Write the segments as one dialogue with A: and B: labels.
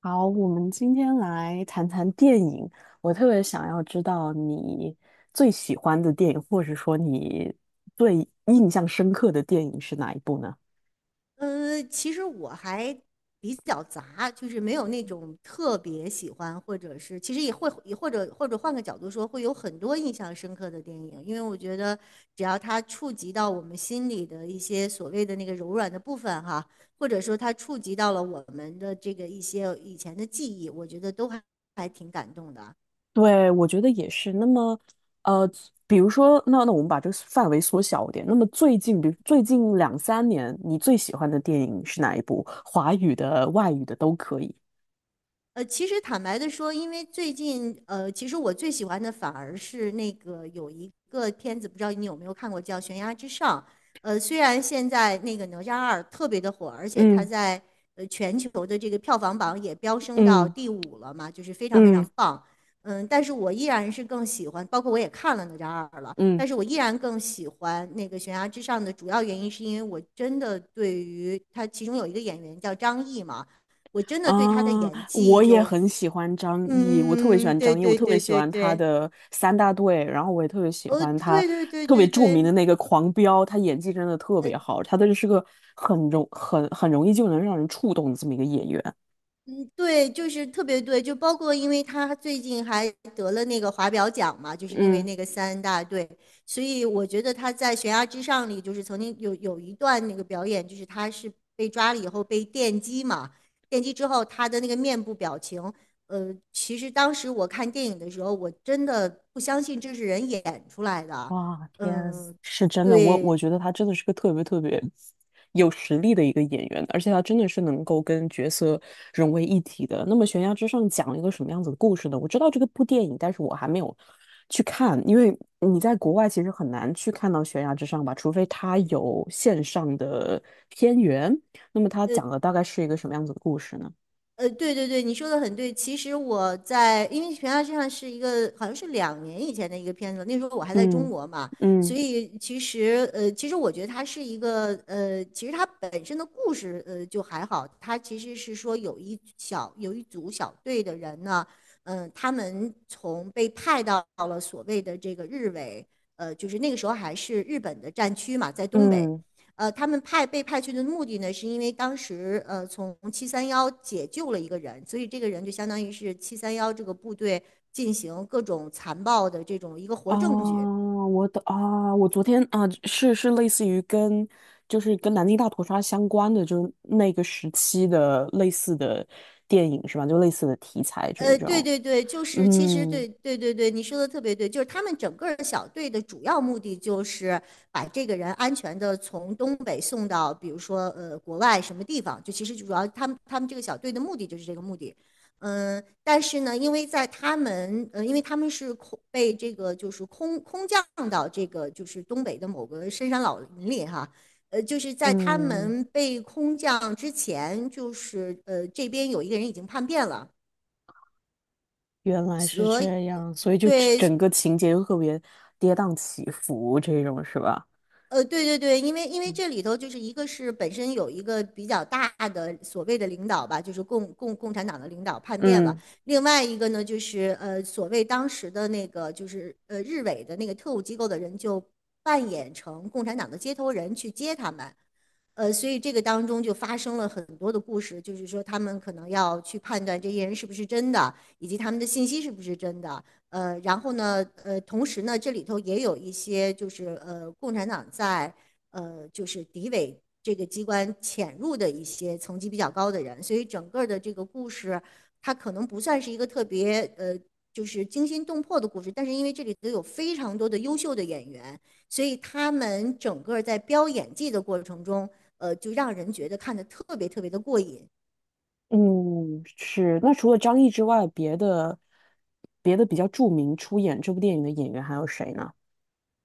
A: 好，我们今天来谈谈电影。我特别想要知道你最喜欢的电影，或者说你最印象深刻的电影是哪一部呢？
B: 其实我还比较杂，就是没有那种特别喜欢，或者是其实也会也或者或者换个角度说，会有很多印象深刻的电影，因为我觉得只要它触及到我们心里的一些所谓的那个柔软的部分哈，或者说它触及到了我们的这个一些以前的记忆，我觉得都还挺感动的。
A: 对，我觉得也是。那么，呃，比如说，那我们把这个范围缩小一点。那么最近，比如最近两三年，你最喜欢的电影是哪一部？华语的、外语的都可以。
B: 其实坦白的说，因为最近，其实我最喜欢的反而是那个有一个片子，不知道你有没有看过，叫《悬崖之上》。虽然现在那个《哪吒二》特别的火，而且它
A: 嗯
B: 在全球的这个票房榜也飙升到
A: 嗯
B: 第五了嘛，就是非常非
A: 嗯
B: 常棒。嗯，但是我依然是更喜欢，包括我也看了《哪吒二》了，
A: 嗯。
B: 但是我依然更喜欢那个《悬崖之上》的主要原因，是因为我真的对于它其中有一个演员叫张译嘛。我真的
A: 啊，
B: 对他的演技
A: 我也
B: 就，
A: 很喜欢张译，我特别喜
B: 嗯，
A: 欢
B: 对
A: 张译，我
B: 对
A: 特别
B: 对
A: 喜
B: 对
A: 欢他
B: 对，
A: 的三大队，然后我也特别喜
B: 哦，
A: 欢他
B: 对对对
A: 特别
B: 对
A: 著名
B: 对，
A: 的那个狂飙，他演技真的特
B: 呃，
A: 别好，他真的是个很容易就能让人触动的这么一个演员。
B: 对，就是特别对，就包括因为他最近还得了那个华表奖嘛，就是因为
A: 嗯。
B: 那个三大队，所以我觉得他在《悬崖之上》里就是曾经有一段那个表演，就是他是被抓了以后被电击嘛，电击之后他的那个面部表情，其实当时我看电影的时候，我真的不相信这是人演出来的啊，
A: 哇，天，
B: 嗯，
A: 是真的，我
B: 对。
A: 我觉得他真的是个特别特别有实力的一个演员，而且他真的是能够跟角色融为一体的。那么《悬崖之上》讲了一个什么样子的故事呢？我知道这个部电影，但是我还没有去看，因为你在国外其实很难去看到《悬崖之上》吧，除非他有线上的片源。那么他
B: 呃。
A: 讲的大概是一个什么样子的故事呢？
B: 对对对，你说的很对。其实我在，因为悬崖之上是一个好像是2年以前的一个片子，那时候我还在中
A: 嗯
B: 国嘛，所
A: 嗯
B: 以其实我觉得它是一个其实它本身的故事就还好，它其实是说有一组小队的人呢，他们从被派到了所谓的这个日伪，就是那个时候还是日本的战区嘛，在东北。
A: 嗯。
B: 他们被派去的目的呢，是因为当时从七三幺解救了一个人，所以这个人就相当于是七三幺这个部队进行各种残暴的这种一个活
A: 啊，
B: 证据。
A: 我的啊，我昨天啊，是类似于跟就是跟南京大屠杀相关的，就是那个时期的类似的电影是吧？就类似的题材这一
B: 对
A: 种。
B: 对对，就是其实
A: 嗯
B: 对对对对，你说的特别对，就是他们整个儿小队的主要目的就是把这个人安全的从东北送到，比如说国外什么地方，就其实主要他们这个小队的目的就是这个目的。嗯，但是呢，因为在他们，因为他们是空降到这个就是东北的某个深山老林里哈，就是在他
A: 嗯，
B: 们被空降之前，就是这边有一个人已经叛变了。
A: 原来是
B: 所以
A: 这样，所以就整
B: 对，
A: 整个情节就特别跌宕起伏这种是吧？
B: 对对对，因为这里头就是一个是本身有一个比较大的所谓的领导吧，就是共产党的领导叛变了，
A: 嗯
B: 另外一个呢就是所谓当时的那个就是日伪的那个特务机构的人就扮演成共产党的接头人去接他们，所以这个当中就发生了很多的故事，就是说他们可能要去判断这些人是不是真的，以及他们的信息是不是真的。然后呢，同时呢，这里头也有一些就是共产党在就是敌伪这个机关潜入的一些层级比较高的人，所以整个的这个故事，它可能不算是一个特别就是惊心动魄的故事，但是因为这里头有非常多的优秀的演员，所以他们整个在飙演技的过程中，就让人觉得看的特别特别的过瘾。
A: 嗯，是。那除了张译之外，别的比较著名出演这部电影的演员还有谁呢？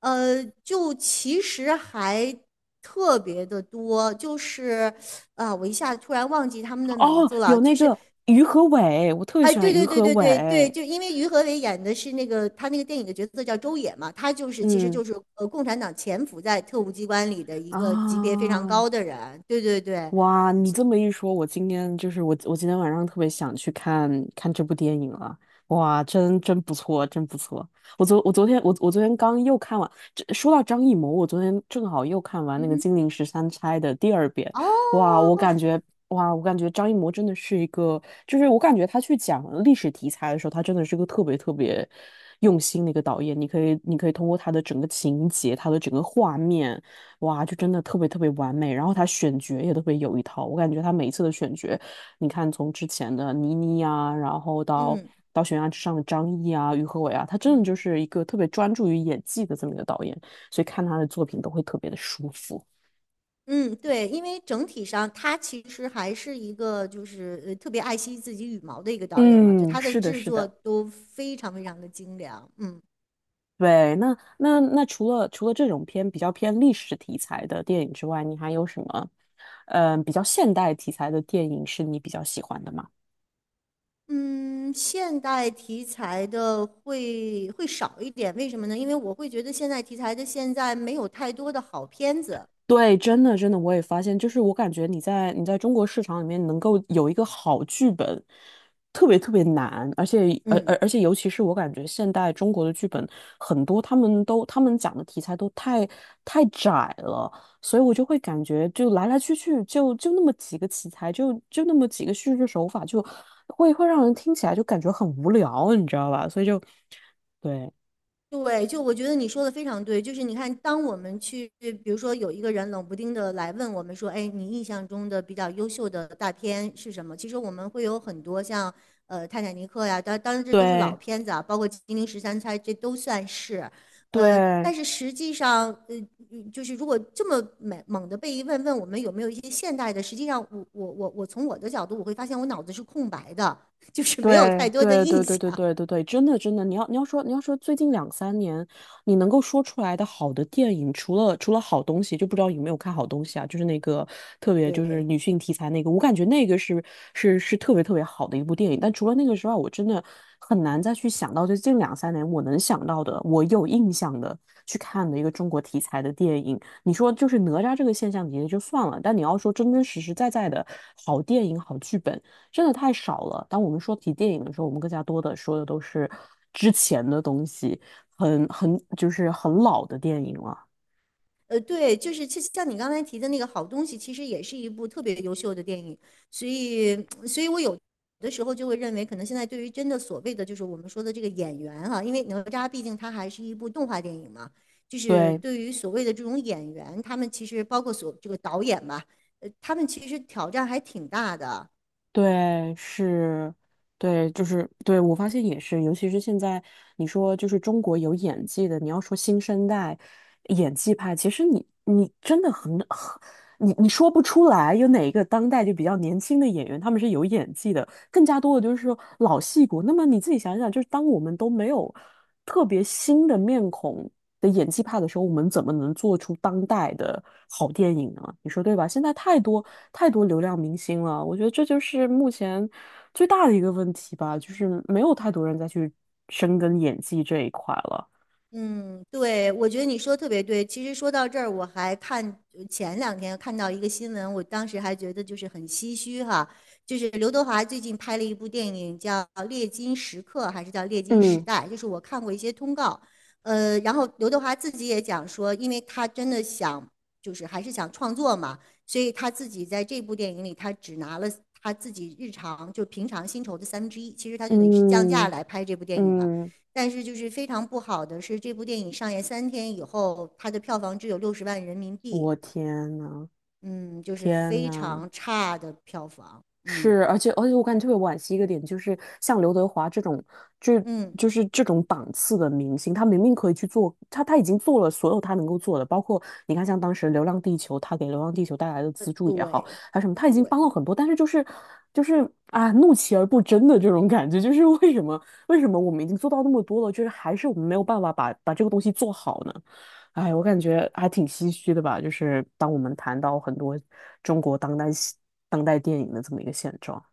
B: 就其实还特别的多，就是啊、我一下子突然忘记他们的名
A: 哦，
B: 字了，
A: 有
B: 就
A: 那
B: 是
A: 个于和伟，我特别
B: 哎，
A: 喜欢
B: 对
A: 于
B: 对对
A: 和
B: 对对对，
A: 伟。
B: 就因为于和伟演的是那个他那个电影的角色叫周也嘛，他就是其实
A: 嗯，
B: 就是共产党潜伏在特务机关里的一个级别非常
A: 啊，
B: 高的人，对对对，
A: 哇，你这么一说，我今天我今天晚上特别想去看看这部电影了。哇，真真不错，真不错。我昨天刚又看完。这说到张艺谋，我昨天正好又看完
B: 嗯
A: 那个
B: 哼。
A: 《金陵十三钗》的第二遍。
B: 哦，
A: 哇，我感觉哇，我感觉张艺谋真的是一个，就是我感觉他去讲历史题材的时候，他真的是个特别特别用心的一个导演。你可以通过他的整个情节，他的整个画面。哇，就真的特别特别完美。然后他选角也特别有一套，我感觉他每一次的选角，你看从之前的倪妮呀，
B: 嗯
A: 到悬崖之上的张译啊、于和伟啊，他真的
B: 嗯。
A: 就是一个特别专注于演技的这么一个导演，所以看他的作品都会特别的舒服。
B: 嗯，对，因为整体上他其实还是一个就是特别爱惜自己羽毛的一个导演嘛，就
A: 嗯，
B: 他的
A: 是的，
B: 制
A: 是
B: 作
A: 的。
B: 都非常非常的精良。嗯
A: 对，那除了这种偏比较偏历史题材的电影之外，你还有什么，比较现代题材的电影是你比较喜欢的吗？
B: 嗯，现代题材的会少一点，为什么呢？因为我会觉得现代题材的现在没有太多的好片子。
A: 对，真的真的，我也发现，就是我感觉你在中国市场里面能够有一个好剧本，特别特别难，而且而
B: 嗯。
A: 而而且尤其是我感觉现代中国的剧本很多，他们讲的题材都太窄了，所以我就会感觉就来来去去就那么几个题材，就那么几个叙事手法，会会让人听起来就感觉很无聊，你知道吧？所以就对
B: 对，就我觉得你说的非常对，就是你看，当我们去，比如说有一个人冷不丁的来问我们说，哎，你印象中的比较优秀的大片是什么？其实我们会有很多像，《泰坦尼克》呀，当然这都是老
A: 对。
B: 片子啊，包括《金陵十三钗》，这都算是，
A: 对
B: 但是实际上，就是如果这么猛的被一问我们有没有一些现代的，实际上我从我的角度，我会发现我脑子是空白的，就是没有太多的印象，
A: 对，真的真的，你要说最近两三年，你能够说出来的好的电影，除了好东西，就不知道有没有看好东西啊？就是那个特别就是
B: 对。
A: 女性题材那个，我感觉那个是是特别特别好的一部电影。但除了那个之外，我真的很难再去想到最近两三年我能想到的，我有印象的去看的一个中国题材的电影。你说就是哪吒这个现象也就算了，但你要说真真实实在在的好电影、好剧本。真的太少了。当我们说起电影的时候，我们更加多的说的都是之前的东西，就是很老的电影了。
B: 对，就是其实像你刚才提的那个好东西，其实也是一部特别优秀的电影，所以，所以我有的时候就会认为，可能现在对于真的所谓的就是我们说的这个演员哈、因为哪吒毕竟它还是一部动画电影嘛，就是
A: 对，
B: 对于所谓的这种演员，他们其实包括所这个导演吧，他们其实挑战还挺大的，
A: 对，是，对，对，我发现也是，尤其是现在你说就是中国有演技的，你要说新生代演技派，其实你你真的你说不出来有哪一个当代就比较年轻的演员他们是有演技的，更加多的就是说老戏骨。那么你自己想想，就是当我们都没有特别新的面孔。的演技派的时候，我们怎么能做出当代的好电影呢？你说对吧？现在太多流量明星了，我觉得这就是目前最大的一个问题吧，就是没有太多人再去深耕演技这一块了。
B: 嗯，对，我觉得你说得特别对。其实说到这儿，我还看前两天看到一个新闻，我当时还觉得就是很唏嘘哈。就是刘德华最近拍了一部电影叫《猎金时刻》，还是叫《猎金时
A: 嗯
B: 代》？就是我看过一些通告，然后刘德华自己也讲说，因为他真的想，就是还是想创作嘛，所以他自己在这部电影里，他只拿了他自己日常就平常薪酬的三分之一，其实他就等于是降价
A: 嗯
B: 来拍这部电影了。
A: 嗯，
B: 但是就是非常不好的是，这部电影上映3天以后，它的票房只有60万人民币，
A: 我天呐，
B: 嗯，就是
A: 天
B: 非
A: 呐！
B: 常差的票房，嗯
A: 是，而且我感觉特别惋惜一个点，就是像刘德华这种，就
B: 嗯，
A: 就是这种档次的明星，他明明可以去做，他已经做了所有他能够做的，包括你看像当时《流浪地球》，他给《流浪地球》带来的资助也好，
B: 对
A: 还有什么，他已经
B: 对，
A: 帮了很多，但是就是就是啊，怒其而不争的这种感觉，就是为什么我们已经做到那么多了，就是还是我们没有办法把这个东西做好呢？哎，我感觉还挺唏嘘的吧，就是当我们谈到很多中国当代戏当代电影的这么一个现状。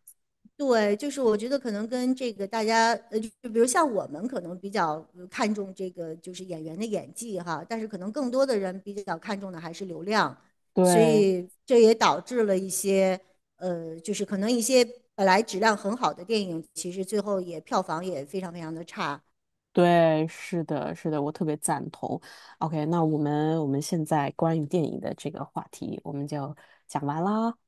B: 对，就是我觉得可能跟这个大家，就比如像我们可能比较看重这个就是演员的演技哈，但是可能更多的人比较看重的还是流量，所
A: 对
B: 以这也导致了一些，就是可能一些本来质量很好的电影，其实最后也票房也非常非常的差，
A: 对，是的，是的，我特别赞同。OK,那我们现在关于电影的这个话题，我们就讲完啦。